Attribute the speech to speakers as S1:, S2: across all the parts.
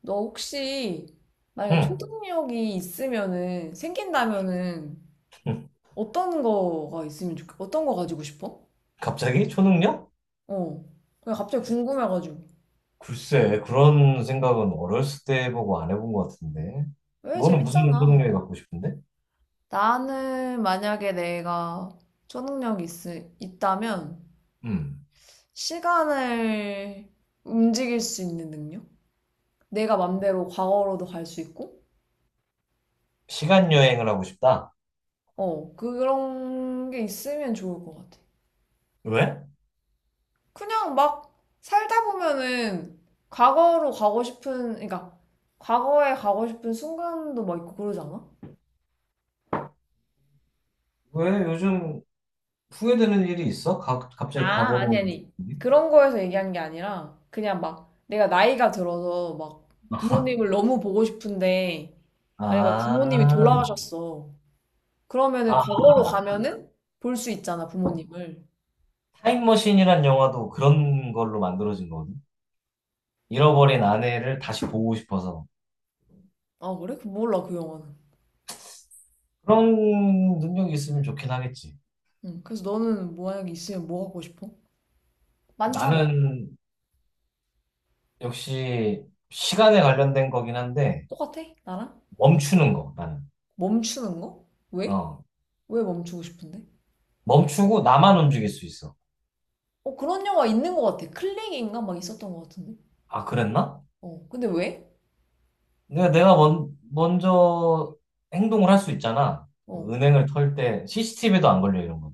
S1: 너 혹시 만약에
S2: 응.
S1: 초능력이 있으면은 생긴다면은
S2: 응.
S1: 어떤 거가 어떤 거 가지고 싶어?
S2: 갑자기 초능력?
S1: 어. 그냥 갑자기 궁금해가지고.
S2: 글쎄, 그런 생각은 어렸을 때 해보고 안 해본 것 같은데.
S1: 왜
S2: 너는 무슨
S1: 재밌잖아.
S2: 초능력이 갖고 싶은데?
S1: 나는 만약에 내가 초능력이 있다면
S2: 음.
S1: 시간을 움직일 수 있는 능력? 내가 맘대로 과거로도 갈 수 있고?
S2: 시간 여행을 하고 싶다.
S1: 어. 그런 게 있으면 좋을 것 같아.
S2: 왜?
S1: 그냥 막 살다 보면은 그러니까 과거에 가고 싶은 순간도 막 있고 그러지 않아?
S2: 왜 요즘 후회되는 일이 있어? 갑자기
S1: 아,
S2: 과거로
S1: 아니,
S2: 오고
S1: 아니.
S2: 싶은데?
S1: 그런 거에서 얘기한 게 아니라 그냥 막 내가 나이가 들어서 막
S2: 아,
S1: 부모님을 너무 보고 싶은데 만약에 막 부모님이
S2: 아,
S1: 돌아가셨어. 그러면은
S2: 아,
S1: 과거로 가면은 볼 수 있잖아, 부모님을.
S2: 타임머신이란 영화도 그런 걸로 만들어진 거거든. 잃어버린 아내를 다시 보고 싶어서.
S1: 아, 그래? 그 몰라, 그 영화는.
S2: 그런 능력이 있으면 좋긴 하겠지.
S1: 응. 그래서 너는 만약에 있으면 뭐 하고 싶어? 많잖아.
S2: 나는 역시 시간에 관련된 거긴 한데
S1: 똑같아? 나랑?
S2: 멈추는 거 나는
S1: 멈추는 거? 왜?
S2: 어
S1: 왜 멈추고 싶은데?
S2: 멈추고 나만 움직일 수 있어.
S1: 어, 그런 영화 있는 것 같아. 클릭인가 막 있었던 것 같은데.
S2: 아, 그랬나?
S1: 어, 근데 왜?
S2: 내가 먼저 행동을 할 수 있잖아.
S1: 어.
S2: 뭐 은행을 털 때 CCTV도 안 걸려 이런 건,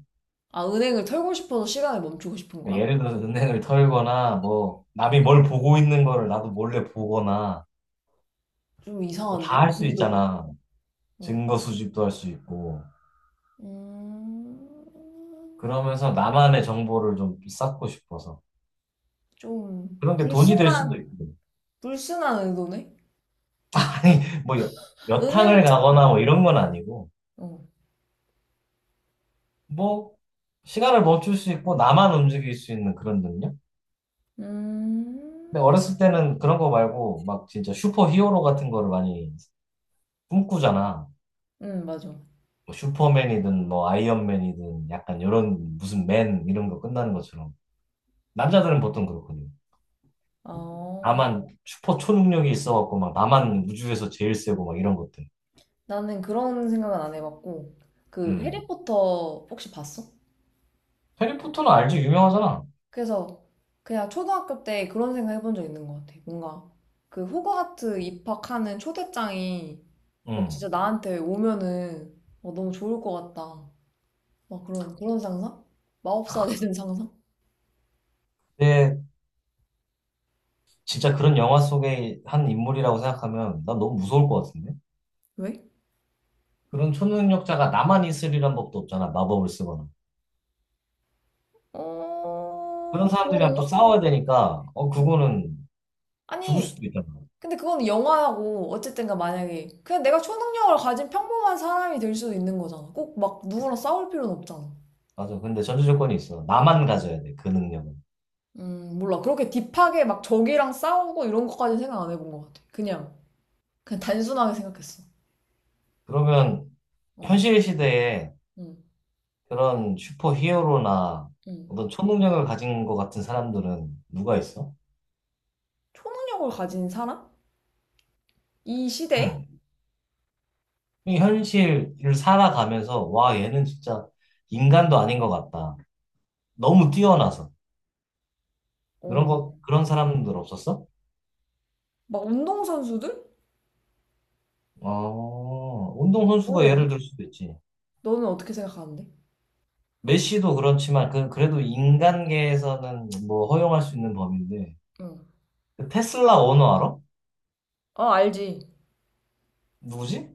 S1: 아, 은행을 털고 싶어서 시간을 멈추고 싶은
S2: 그러니까
S1: 거야?
S2: 예를 들어서 은행을 털거나 뭐 남이 뭘 보고 있는 거를 나도 몰래 보거나
S1: 좀
S2: 뭐 다
S1: 이상한데?
S2: 할 수
S1: 의도가.
S2: 있잖아.
S1: 어.
S2: 증거 수집도 할 수 있고
S1: 음,
S2: 그러면서 나만의 정보를 좀 쌓고 싶어서.
S1: 좀
S2: 그런 게 돈이 될 수도
S1: 불순한,
S2: 있고.
S1: 불순한 의도네?
S2: 아니, 뭐, 여탕을
S1: 은행을 털,
S2: 가거나 뭐 이런 건 아니고,
S1: 어.
S2: 뭐, 시간을 멈출 수 있고, 나만 움직일 수 있는 그런 능력?
S1: 음,
S2: 근데 어렸을 때는 그런 거 말고, 막 진짜 슈퍼 히어로 같은 거를 많이 꿈꾸잖아.
S1: 맞아.
S2: 뭐 슈퍼맨이든, 뭐, 아이언맨이든, 약간 이런 무슨 맨 이런 거 끝나는 것처럼. 남자들은 보통 그렇거든.
S1: 아,
S2: 나만 슈퍼 초능력이 있어갖고, 막 나만 우주에서 제일 세고, 막 이런 것들.
S1: 나는 그런 생각은 안 해봤고, 그
S2: 음.
S1: 해리포터 혹시 봤어?
S2: 해리포터는 알지? 유명하잖아.
S1: 그래서 그냥 초등학교 때 그런 생각 해본 적 있는 것 같아. 뭔가 그 호그와트 입학하는 초대장이 막 진짜
S2: 음.
S1: 나한테 오면은 막 너무 좋을 것 같다. 막 그런 상상? 마법사 되는 상상?
S2: 근데 진짜 그런 영화 속의 한 인물이라고 생각하면 난 너무 무서울 것 같은데?
S1: 왜?
S2: 그런 초능력자가 나만 있으리란 법도 없잖아, 마법을 쓰거나. 그런
S1: 어,
S2: 사람들이랑 또
S1: 그런가?
S2: 싸워야 되니까, 어,
S1: 응.
S2: 그거는 죽을
S1: 아니,
S2: 수도 있잖아.
S1: 근데 그건 영화하고 어쨌든가 만약에 그냥 내가 초능력을 가진 평범한 사람이 될 수도 있는 거잖아. 꼭 막 누구랑 싸울 필요는 없잖아.
S2: 맞아. 근데 전제 조건이 있어. 나만 가져야 돼, 그 능력은.
S1: 몰라. 그렇게 딥하게 막 적이랑 싸우고 이런 것까지 생각 안 해본 것 같아. 그냥. 그냥 단순하게 생각했어.
S2: 그러면
S1: 어,
S2: 현실 시대에
S1: 음,
S2: 그런 슈퍼 히어로나
S1: 음.
S2: 어떤 초능력을 가진 것 같은 사람들은 누가 있어?
S1: 초능력을 가진 사람? 이 시대에?
S2: 음. 이 현실을 살아가면서, 와, 얘는 진짜 인간도 아닌 것 같다. 너무 뛰어나서. 그런
S1: 어,
S2: 거, 그런 사람들 없었어?
S1: 막 운동선수들?
S2: 어, 운동선수가 예를
S1: 모르겠네.
S2: 들 수도 있지.
S1: 너는 어떻게 생각하는데?
S2: 메시도 그렇지만, 그, 그래도 인간계에서는 뭐 허용할 수 있는 범위인데.
S1: 응.
S2: 그 테슬라 오너 알아?
S1: 어, 아, 알지.
S2: 누구지?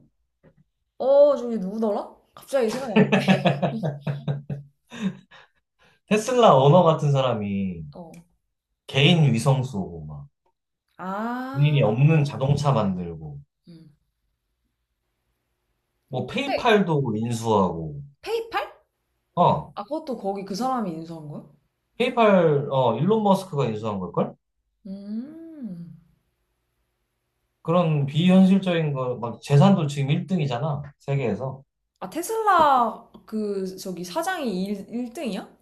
S1: 어, 저기 누구더라? 갑자기 생각이 안 나네.
S2: 테슬라 오너 같은 사람이
S1: 어,
S2: 개인 위성 쏘고, 막, 본인이
S1: 아,
S2: 없는 자동차 만들고,
S1: 음,
S2: 뭐,
S1: 근데
S2: 페이팔도 인수하고,
S1: 페이팔?
S2: 어,
S1: 아, 그것도 거기 그 사람이 인수한 거야?
S2: 페이팔, 어, 일론 머스크가 인수한 걸걸?
S1: 음,
S2: 그런 비현실적인 거, 막, 재산도 지금 1등이잖아, 세계에서.
S1: 아, 테슬라 그 저기 사장이 1, 일등이야.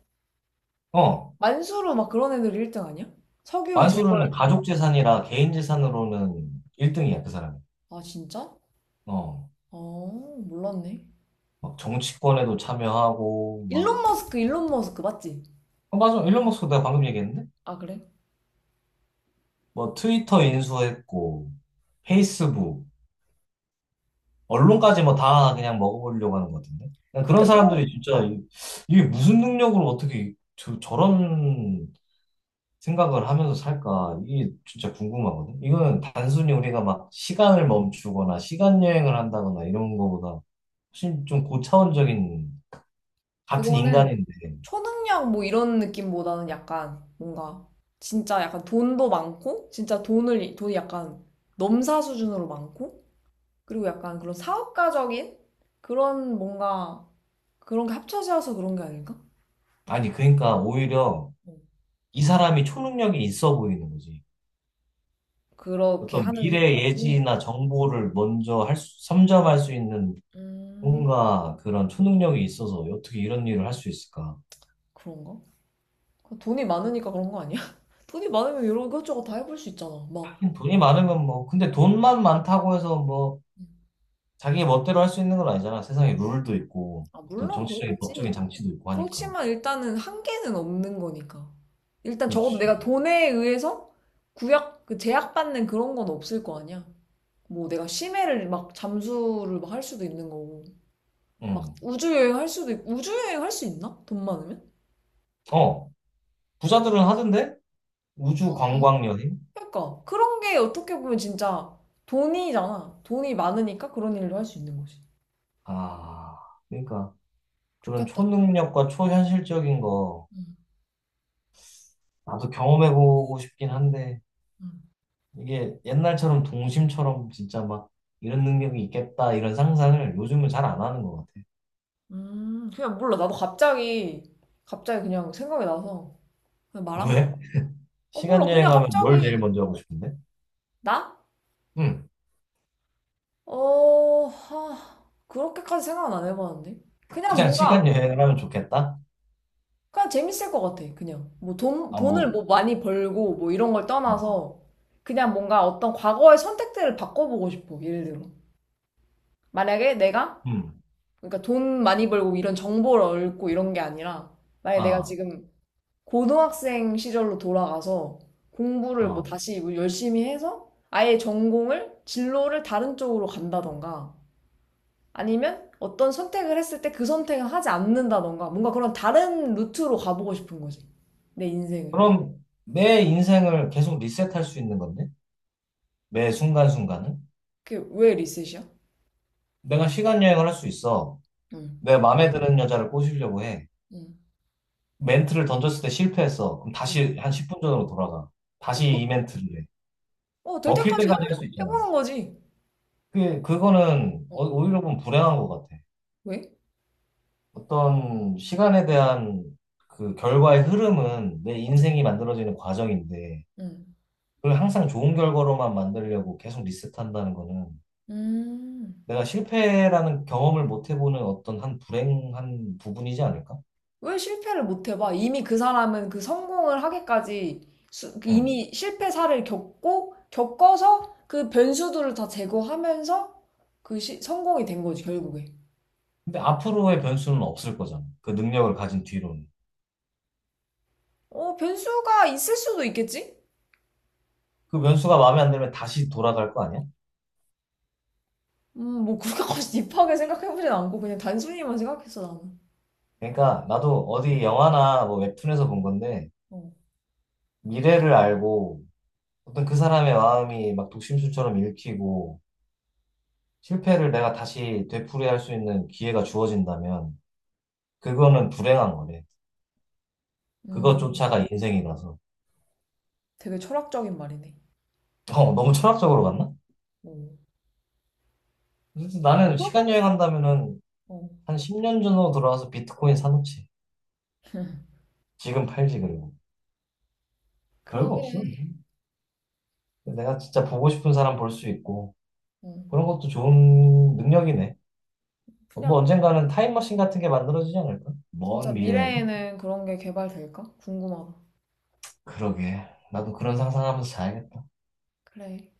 S2: 어.
S1: 만수르 막 그런 애들 1등 아니야? 석유
S2: 만수르는
S1: 재벌.
S2: 가족 재산이라 개인 재산으로는 1등이야, 그 사람이.
S1: 아, 진짜?
S2: 어,
S1: 어, 몰랐네.
S2: 막 정치권에도 참여하고, 막.
S1: 일론 머스크, 일론 머스크 맞지?
S2: 어, 맞아. 일론 머스크 내가 방금 얘기했는데?
S1: 아, 그래?
S2: 뭐 트위터 인수했고, 페이스북, 언론까지 뭐 다 그냥 먹어보려고 하는 것 같은데? 그냥 그런
S1: 그때 그거
S2: 사람들이 진짜 이게 무슨 능력으로 어떻게 저런 생각을 하면서 살까? 이게 진짜 궁금하거든? 이거는 단순히 우리가 막 시간을 멈추거나 시간 여행을 한다거나 이런 거보다 훨씬 좀 고차원적인 같은
S1: 그거는
S2: 인간인데.
S1: 초능력 뭐 이런 느낌보다는 약간 뭔가 진짜 약간 돈도 많고 진짜 돈을 돈이 약간 넘사 수준으로 많고 그리고 약간 그런 사업가적인 그런 뭔가 그런 게 합쳐져서 그런 게 아닐까?
S2: 아니, 그러니까 오히려
S1: 어,
S2: 이 사람이 초능력이 있어 보이는 거지.
S1: 그렇게
S2: 어떤
S1: 하는
S2: 미래
S1: 능력이
S2: 예지나 정보를 먼저 할 수, 선점할 수 있는
S1: 음,
S2: 뭔가 그런 초능력이 있어서 어떻게 이런 일을 할 수 있을까?
S1: 그런가? 돈이 많으니까 그런 거 아니야? 돈이 많으면 이런 것저것 다 해볼 수 있잖아. 막,
S2: 돈이 많으면 뭐, 근데 돈만 많다고 해서 뭐, 자기 멋대로 할 수 있는 건 아니잖아. 세상에 룰도 있고,
S1: 아,
S2: 어떤
S1: 물론
S2: 정치적인 법적인
S1: 그렇겠지.
S2: 장치도 있고 하니까.
S1: 그렇지만 일단은 한계는 없는 거니까. 일단 적어도
S2: 그렇지.
S1: 내가 돈에 의해서 구약, 그 제약받는 그런 건 없을 거 아니야. 뭐 내가 심해를 막 잠수를 막 할 수도 있는 거고. 막
S2: 응.
S1: 우주여행 할 수도 있고. 우주여행 할 수 있나? 돈 많으면?
S2: 어, 부자들은 하던데? 우주
S1: 아
S2: 관광 여행?
S1: 그러니까 그런 게 어떻게 보면 진짜 돈이잖아. 돈이 많으니까 그런 일도 할 수 있는 거지.
S2: 아, 그러니까. 그런
S1: 좋겠다.
S2: 초능력과 초현실적인 거
S1: 음,
S2: 나도 경험해보고 싶긴 한데
S1: 음.
S2: 이게 옛날처럼 동심처럼 진짜 막 이런 능력이 있겠다 이런 상상을 요즘은 잘 안 하는 것 같아.
S1: 그냥 몰라. 나도 갑자기 그냥 생각이 나서 그냥 말한
S2: 왜?
S1: 거야. 어
S2: 시간
S1: 몰라. 그냥
S2: 여행하면 뭘 제일
S1: 갑자기
S2: 먼저 하고 싶은데?
S1: 나?
S2: 응,
S1: 어, 그렇게까지 생각은 안 해봤는데. 그냥
S2: 그냥 시간
S1: 뭔가,
S2: 여행을 하면 좋겠다?
S1: 그냥 재밌을 것 같아. 그냥. 뭐
S2: 아,
S1: 돈을
S2: 뭐,
S1: 뭐 많이 벌고 뭐 이런 걸
S2: 어,
S1: 떠나서 그냥 뭔가 어떤 과거의 선택들을 바꿔보고 싶어. 예를 들어. 만약에 내가,
S2: 음,
S1: 그러니까 돈 많이 벌고 이런 정보를 얻고 이런 게 아니라, 만약에 내가
S2: 아,
S1: 지금 고등학생 시절로 돌아가서 공부를 뭐
S2: 어.
S1: 다시 뭐 열심히 해서 아예 진로를 다른 쪽으로 간다던가, 아니면 어떤 선택을 했을 때 그 선택을 하지 않는다던가 뭔가 그런 다른 루트로 가보고 싶은 거지. 내 인생을.
S2: 그럼 내 인생을 계속 리셋할 수 있는 건데? 매 순간순간은?
S1: 그게 왜 리셋이야?
S2: 내가 시간 여행을 할 수 있어.
S1: 응.
S2: 내 마음에 드는 여자를 꼬시려고 해.
S1: 응.
S2: 멘트를 던졌을 때 실패했어. 그럼 다시 한 10분 전으로 돌아가. 다시 이 멘트를 해.
S1: 어, 될
S2: 먹힐
S1: 때까지
S2: 때까지 할 수 있잖아.
S1: 해보는 거지.
S2: 그거는
S1: 어,
S2: 오히려 보면 불행한 것 같아.
S1: 왜?
S2: 어떤 시간에 대한 그 결과의 흐름은 내 인생이 만들어지는 과정인데,
S1: 응.
S2: 그걸 항상 좋은 결과로만 만들려고 계속 리셋한다는 거는
S1: 음.
S2: 내가 실패라는 경험을 못 해보는 어떤 한 불행한 부분이지 않을까?
S1: 왜 실패를 못 해봐? 이미 그 사람은 그 성공을 하기까지
S2: 응.
S1: 이미 실패 사를 겪고 겪어서 그 변수들을 다 제거하면서 그 성공이 된 거지, 결국에.
S2: 근데 앞으로의 변수는 없을 거잖아. 그 능력을 가진 뒤로는.
S1: 어, 변수가 있을 수도 있겠지?
S2: 그 변수가 마음에 안 들면 다시 돌아갈 거 아니야?
S1: 뭐 그렇게까지 딥하게 생각해보진 않고 그냥 단순히만 생각했어 나는.
S2: 그러니까 나도 어디 영화나 뭐 웹툰에서 본 건데
S1: 어.
S2: 미래를 알고 어떤 그 사람의 마음이 막 독심술처럼 읽히고 실패를 내가 다시 되풀이할 수 있는 기회가 주어진다면 그거는 불행한 거래.
S1: 음,
S2: 그것조차가 인생이라서.
S1: 되게 철학적인 말이네.
S2: 어, 너무 철학적으로 갔나?
S1: 어.
S2: 그래서
S1: 그
S2: 나는
S1: 러
S2: 시간
S1: 게
S2: 여행한다면은
S1: 어.
S2: 한 10년 전으로 돌아와서 비트코인 사놓지. 지금 팔지 그리고. 별거
S1: 그러게.
S2: 없어. 내가 진짜 보고 싶은 사람 볼 수 있고
S1: 어.
S2: 그런 것도 좋은 능력이네. 뭐
S1: 그냥
S2: 언젠가는 타임머신 같은 게 만들어지지 않을까?
S1: 진짜
S2: 먼 미래엔.
S1: 미래에는 그런 게 개발될까? 궁금하다.
S2: 그러게. 나도 그런 상상하면서 자야겠다.
S1: 그래.